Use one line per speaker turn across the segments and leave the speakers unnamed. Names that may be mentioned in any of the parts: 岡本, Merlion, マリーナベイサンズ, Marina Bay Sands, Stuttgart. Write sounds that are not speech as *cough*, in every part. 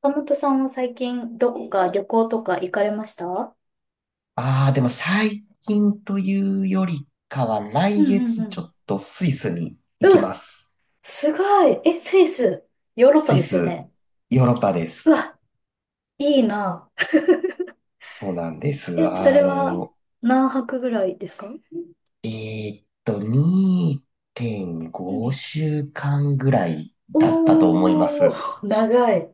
岡本さんは最近どこか旅行とか行かれました？
ああ、でも最近というよりかは、
う
来
んうん
月
う
ちょ
ん。
っとスイスに
う
行き
わ、
ます。
すごい。え、スイス、ヨーロッパ
スイ
ですよ
ス、
ね。
ヨーロッパで
う
す。
わ、いいな。
そうなんです。
え、それは何泊ぐらいですか？
2.5
うん。
週間ぐらいだったと思いま
お
す。
ー、長い。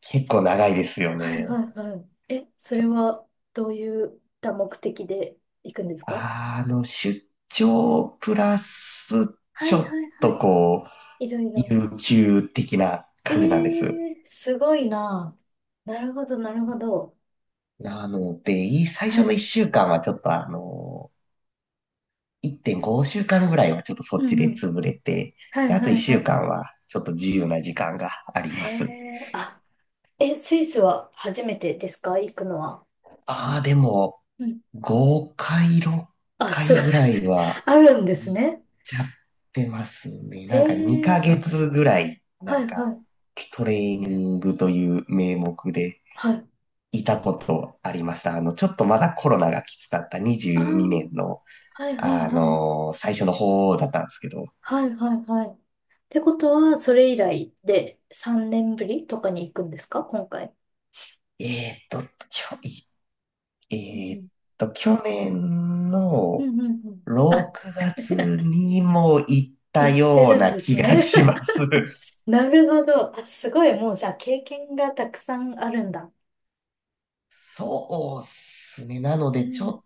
結構長いですよ
はい
ね。
はいはい。え、それはどういった目的で行くんですか？
出張プラス、
は
ちょ
い
っ
はいは
と
い。
こう、
いろいろ。
有給的な
え
感じなんです。
ー、すごいな。なるほどなるほど。
なので、最
は
初の
い。
一週間はちょっと1.5週間ぐらいはちょっとそっ
う
ち
んう
で
ん。
潰れて、
は
で、
い
あと
は
一
いは
週
い。
間はちょっと自由な時間があり
へ
ます。
え、あ、え、スイスは初めてですか？行くのは。
ああ、でも、
うん。
5回、6
あ、すご
回
い、
ぐらいは
*laughs* あるんです
行っ
ね。
ちゃってますね。
へ
なんか2
え、
ヶ月ぐらい、な
は
ん
い
か
はい、
トレーニングという名目で
はい。
いたことありました。ちょっとまだコロナがきつかった
ああ、
22年の
はいはいはい。
最初の方だったんですけど、
はいはいはい。ってことは、それ以来で3年ぶりとかに行くんですか？今回。
えーっと、きょ、いえ
う
ーっ
ん
と、去年
う
の
んうんうんうん。あ、
6月にも行った
行って
よう
るん
な
で
気
す
が
ね。
します。
*laughs* なるほど。あ、すごい、もうじゃあ経験がたくさんあるんだ。
*laughs* そうっすね。なの
う
で、ちょ
ん、
っ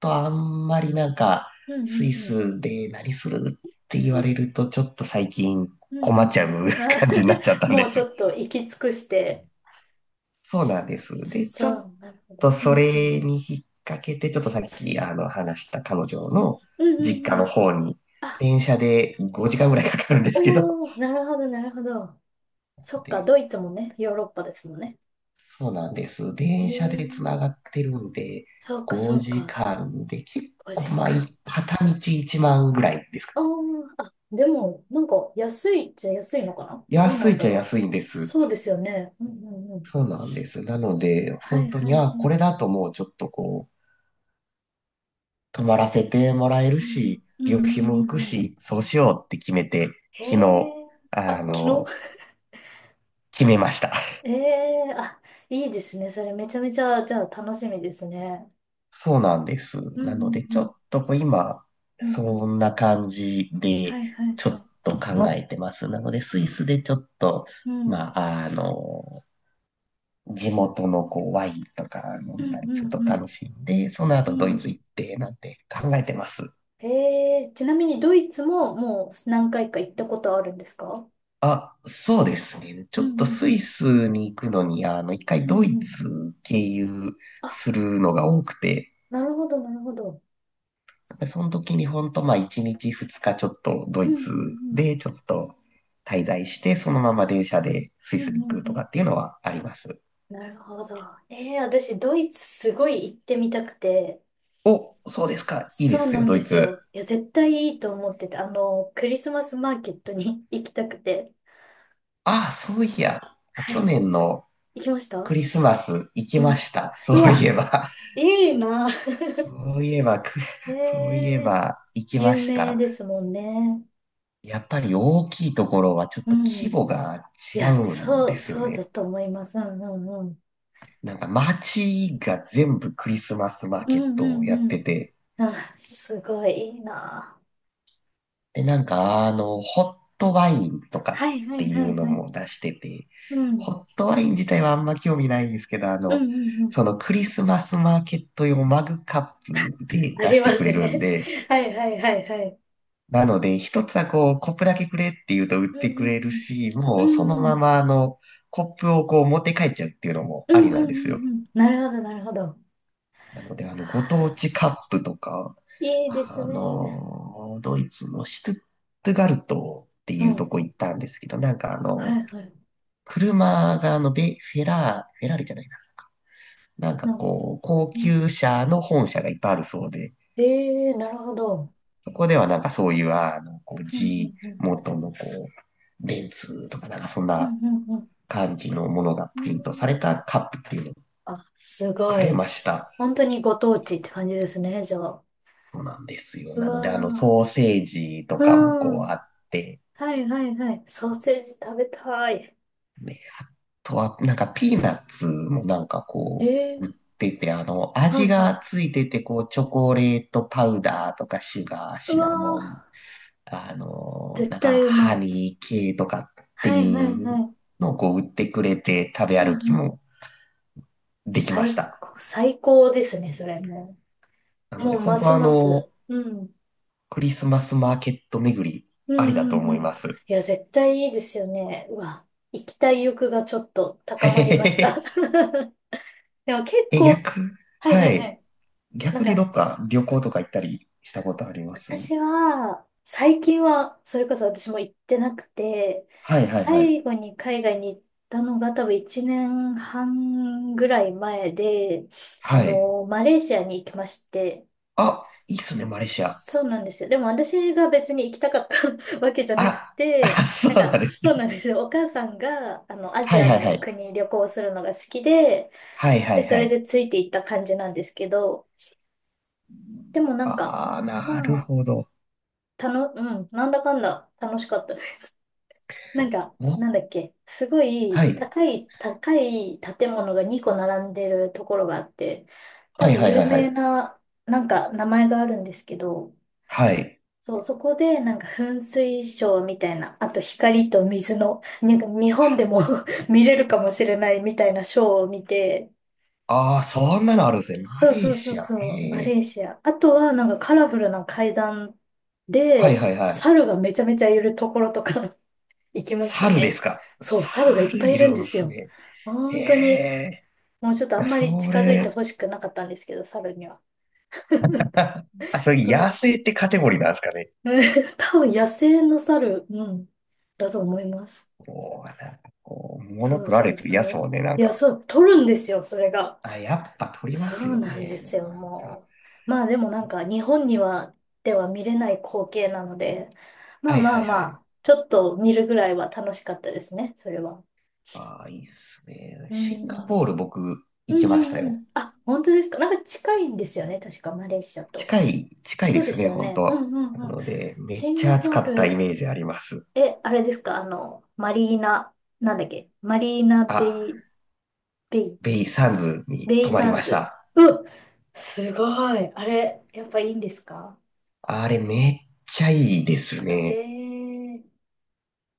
とあんまりなんか、
うんう
ス
ん
イ
うん。
スで何するって言われると、ちょっと最近
うんう
困っ
ん
ちゃ
う
う
ん。あ、
感じになっちゃっ
*laughs*
たんで
もう
す。
ちょっと行き尽くして。
そうなんです。で、ちょ
そ
っ
う、なるほど。
と
う
そ
んうん。
れに引っ掛けて、ちょっとさっき話した彼女
うん
の
うんうん
実
う
家の
ん。
方に、
あ、
電車で5時間ぐらいかかるんですけど。
おー、なるほど、なるほど。そっか、
で、
ドイツもね、ヨーロッパですもんね。
そうなんです。
え
電車でつ
ー、
ながってるんで、
そうか、そう
5
か。
時間で結構、
5
まあ、
時間。
片道1万ぐらいですか。
あー、あ、でも、なんか、安いっちゃ安いのかな？どうな
安い
ん
っ
だ
ちゃ
ろう。
安いんです。
そうですよね。うんうんうん。
そうなんです。なので、
は
本
い
当
はい
に、
は
あ、こ
い。
れだともうちょっとこう、泊まらせてもらえる
うん
し、
うんう
旅
んう
費も浮
ん
く
うんうん。
し、そうしようって決めて、
へ
昨日、
え。
あ
あ、昨
の、
日
決めました。
え
*laughs*
えあ、いいですね。それめちゃめちゃ、じゃあ楽しみですね。
そうなんです。
う
なの
ん、
で、
う
ちょ
ん、
っと今、
うん、うん、うん。
そんな感じで、
はいはい
ちょ
は
っ
い。
と考えてます。なので、スイスでちょっと、
うん、う
ま
ん、
あ、地元のこうワインとか飲
う
ん
ん、
だり、ちょっと
うん。
楽しんで、その
う
後ドイ
ん
ツ行って、なんて考えてます。
ええちなみにドイツももう何回か行ったことあるんですか？
あ、そうですね。ち
う
ょ
ん、
っと
う
ス
ん、う
イ
ん、
スに行くのに、一回
うん、
ドイ
うん。
ツ経由
あ、
するのが多くて、
なるほど、なるほど。
その時にほんと、まあ、一日二日ちょっとド
う
イ
ん、う
ツ
ん、
でちょっと滞在して、そのまま電車でス
う
イ
ん、う
スに
ん、
行
うん。
くと
う
か
ん
っていうのはあります。
なるほど。ええ私、ドイツすごい行ってみたくて。
お、そうですか。いいで
そう
す
な
よ、
ん
ド
で
イ
す
ツ。
よ。いや、絶対いいと思ってて、クリスマスマーケットに *laughs* 行きたくて。
ああ、そういや、
は
去
い。
年の
行きました？
クリスマス行き
う
ま
ん。
した。そ
う
ういえ
わ、
ば。
いいな。*laughs*
*laughs* そういえば、く
え
*laughs* そういえ
え
ば行きま
有
し
名
た。
ですもんね。
やっぱり大きいところはちょっ
う
と規
ん。
模が
い
違
や、
うん
そ
で
う、
すよ
そうだ
ね。
と思います。うんうんうん。
なんか街が全部クリスマスマー
う
ケッ
ん
ト
う
をや
ん
っ
う
て
ん。
て、
あ、すごいいいな。
で、なんかホットワインと
は
か
いは
って
い
い
は
う
い
の
はい。
も出してて、
うん。
ホットワイン自体はあんま興味ないんですけど、
うんうんうん。
そのクリスマスマーケット用マグカップで
あ
出
り
して
ま
くれ
す
るん
ね。
で、
*laughs* はいはいはいはい。
なので、一つはこう、コップだけくれって言うと売っ
う
てくれる
ん
し、
うんう
もうそ
ん。
の
う
ま
ん。
まコップをこう持って帰っちゃうっていうのも
う
あ
ん
りなん
う
ですよ。
んうんうん。なるほどなるほど。
なので、ご当地カップとか、
いいですね。
ドイツのシュトゥットガルトって
う
いうと
ん。
こ行ったんですけど、なんか
はいはい。
車があの、ベ、フェラー、フェラーリじゃないな。なんか
うん
こう、高級車の本社がいっぱいあるそうで、
ええなるほど。
そこではなんかそういう、こう
うん
G
うんうん。
元のこう、ベンツとかなんかそん
うん
な
うん
感じのものが
うん、
プ
う
リントさ
ん。
れたカップっていうのを
あ、すご
くれ
いで
ま
す。
した。
本当にご当地って感じですね、じゃあ。
そうなんですよ。
う
なので、
わ
ソーセージと
ー。
かも
う
こう
ん。
あって、
はいはいはい。ソーセージ食べたい。
ね、あとは、なんかピーナッツもなんかこう、売
え
っ
え
てて、
は
味
いは
が
い。
ついてて、こう、チョコレートパウダーとか、シュガー、
う
シナモン、
わー。絶
なんか、
対うま
ハ
い。
ニー系とかって
は
い
いはいは
う
い。
のをこう、売ってくれて、食べ
うん
歩き
うん。
もできまし
最
た。
高、最高ですね、それも
な
う。
ので、
もう
本
ま
当
す
は
ます。うん。
クリスマスマーケット巡り、
う
ありだ
ん
と
うん
思い
うん。
ます。
いや、絶対いいですよね。うわ、行きたい欲がちょっと
*laughs* へ
高ま
へ
りまし
へへ
た。*laughs* でも結
え、
構、はいは
は
いは
い。
い。なん
逆にど
か、
っか旅
う
行
ん
とか行ったりしたことあります？
私は、最近は、それこそ私も行ってなくて、
はいはいは
最
い。
後に海外に行ったのが多分1年半ぐらい前で、
はい。
マレーシアに行きまして、
あ、いいっすね、マレーシア。
そうなんですよ。でも私が別に行きたかった *laughs* わけじゃなく
あ
て、
あ、*laughs* そ
な
う
ん
な
か、
んです
そ
ね。
うなんですよ。お母さんが、ア
は
ジ
い
ア
はいは
の
い。
国旅行するのが好きで、
はいは
で、
い
そ
は
れ
い。
でついていった感じなんですけど、でもなんか、
ああ、
ま
なる
あ、
ほど。
うん、なんだかんだ楽しかったです。*laughs* なんか、
お、
なんだっけ、すご
は
い
い。
高い、高い建物が2個並んでるところがあって、多
はい
分
はいは
有
いは
名
い。
な、なんか名前があるんですけど、
はい。
そう、そこでなんか噴水ショーみたいな、あと光と水の、なんか日本でも *laughs* 見れるかもしれないみたいなショーを見て、
ああ、そんなのあるんですね。マ
そう
レ
そ
ー
うそ
シ
う
ア。へ
そう、マレ
え。
ーシア。あとはなんかカラフルな階段
はい
で、
はいはい。
猿がめちゃめちゃいるところとか *laughs* 行きました
猿で
ね。
すか。
そう、猿がいっ
猿
ぱい
い
いるん
る
で
ん
す
す
よ。
ね。へ
本当に、
え。
もうちょっとあ
いや
んま
そ
り近づいて
れ、
ほしくなかったんですけど、猿には。
あ、それ
そ
野
う。
生ってカテゴリーなんですかね。
うん *laughs* 多分野生の猿、うん、だと思います。
こう、なんかこう、物
そう
取ら
そ
れ
う
てるや
そ
つ
う。
もね、なん
いや、
か、
そう、取るんですよ、それが。
あ、やっぱ取りま
そ
す
う
よ
なんで
ね。
すよ、
なんか。
もう。まあでもなんか、日本には、では見れない光景なので、ま
は
あ
い
ま
は
あ
いは
ま
い。
あ、ちょっと見るぐらいは楽しかったですね、それは。
ああ、いいっすね。
うん。
シンガポール僕
う
行き
ん
ま
う
し
ん
た
う
よ。
ん。あ、本当ですか？なんか近いんですよね、確か、マレーシアと。
近い、近いで
そうで
す
す
ね、
よ
本当。
ね。う
な
んうんうん。
ので、めっ
シン
ちゃ
ガ
暑
ポ
か
ー
ったイ
ル、
メージあります。
え、あれですか、マリーナ、なんだっけ、マリーナ
あ、
ベイ、ベイ
ベイサンズに
レイ
泊まり
サン
まし
ズ。
た。
うっ、すごい。あれ、やっぱいいんですか？
あれめっちゃいいです
へ
ね。
え。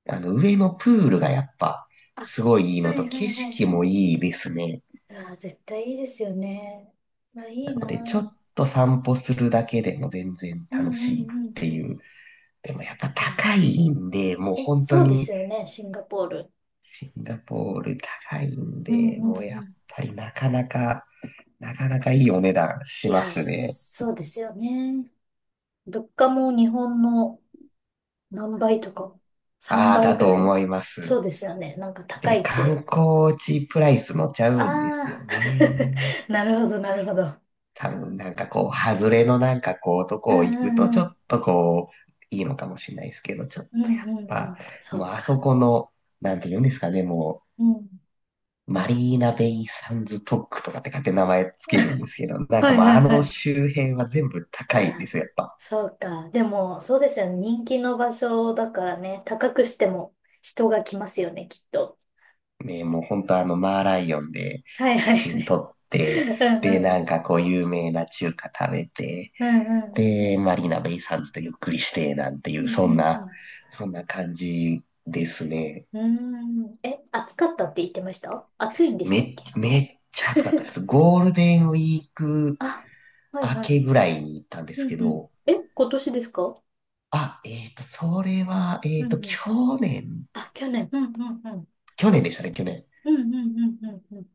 上のプールがやっぱ、すごいいい
は
のと、
いは
景
いはい
色
は
も
い。
いいですね。
ああ、絶対いいですよね。まあい
な
い
の
な。
で、ち
う
ょっ
ん
と散歩するだけでも全然
うん
楽
う
しいっ
ん
て
うん。
いう。でも
そっ
やっぱ
か。
高いんで、もう
え、
本当
そうです
に、
よね、シンガポール。
シンガポール高いん
うん
で、
うん
もう
う
やっ
ん。
ぱりなかなか、なかなかいいお値段
い
しま
や、
すね。
そうですよね。物価も日本の何倍とか、3
ああ、
倍
だ
ぐ
と
らい
思いま
そ
す。
うですよね。なんか高
で、
いっ
観
て。
光地プライス乗っちゃ
あ
うんですよ
あ、
ね。
*laughs* なるほどなるほど。
多分なんかこう、外れのなんかこう、と
う
こ
ん
行
う
くとち
ん
ょ
うん。
っとこう、いいのかもしれないですけど、ちょっ
うん
とや
うんう
っぱ、
ん。そ
もう
う
あ
か。
そこの、なんて言うんですかね、も
うん。
う、マリーナベイサンズトックとかって勝手に名前つけるんですけど、
*laughs*
なん
は
か
い
もう
は
あ
いは
の
い。
周辺は全部
あ
高いんで
ら、
すよ、やっぱ。
そうか。でも、そうですよね。人気の場所だからね、高くしても人が来ますよね、きっと。
ね、もう本当あのマーライオンで
はいは
写
いは
真
い。
撮って、
うんう
で、
ん
な
う
ん
ん。
かこう有名な中華食べて、
うんうんう
で、
ん。
マリーナベイサンズとゆっくりして、なんてい
うん
う、
うんうん。
そんな感じですね。
うん。え、暑かったって言ってました？暑いんでしたっけ？
めっちゃ暑かったで
*laughs*
す。ゴールデンウィーク
あ、はい
明
はい
け
はい。
ぐらいに行ったんです
う
け
んうん。
ど、
え、今年ですか？
あ、それは、
うんうん。
去年、
あ、去年。うんうんうん。
去年でしたね、去年。
うんうんうんうんうん。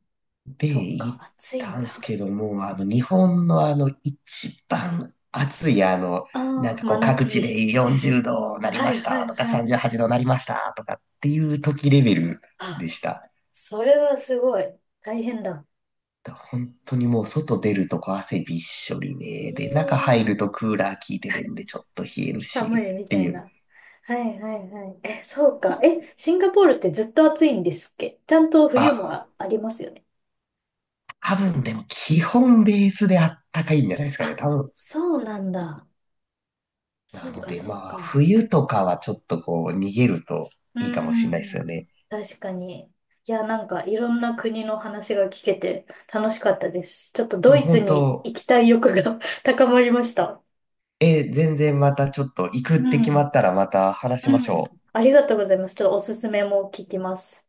で、
そっか、
行っ
暑い
た
ん
んです
だ。
けども、日本の一番暑い、なん
あ
か
あ、
こ
真
う、各
夏
地
日。
で40
*laughs*
度なり
は
ま
い
し
は
た
い
とか、
はい。
38度なりましたとかっていう時レベルで
あ、
した。
それはすごい。大変だ。
本当にもう外出るとこ汗びっしょり
え
ね。で、中入る
え
とクーラー効いてるんでちょっと冷える
寒
し
いみ
って
た
い
い
う。
な。はいはいはい。え、そうか。え、シンガポールってずっと暑いんですっけ？ちゃんと冬も
あ、
ありますよね。
多分でも基本ベースであったかいんじゃないですかね。
あ、
多分。
そうなんだ。
な
そう
の
か
で
そう
まあ、
か。
冬とかはちょっとこう逃げると
うー
いいかもしれないですよ
ん。
ね。
確かに。いや、なんかいろんな国の話が聞けて楽しかったです。ちょっと
い
ド
や、
イツ
本
に
当、
行きたい欲が *laughs* 高まりました。
全然またちょっと行くっ
う
て決ま
ん。
ったらまた話しまし
う
ょ
ん。
う。
ありがとうございます。ちょっとおすすめも聞きます。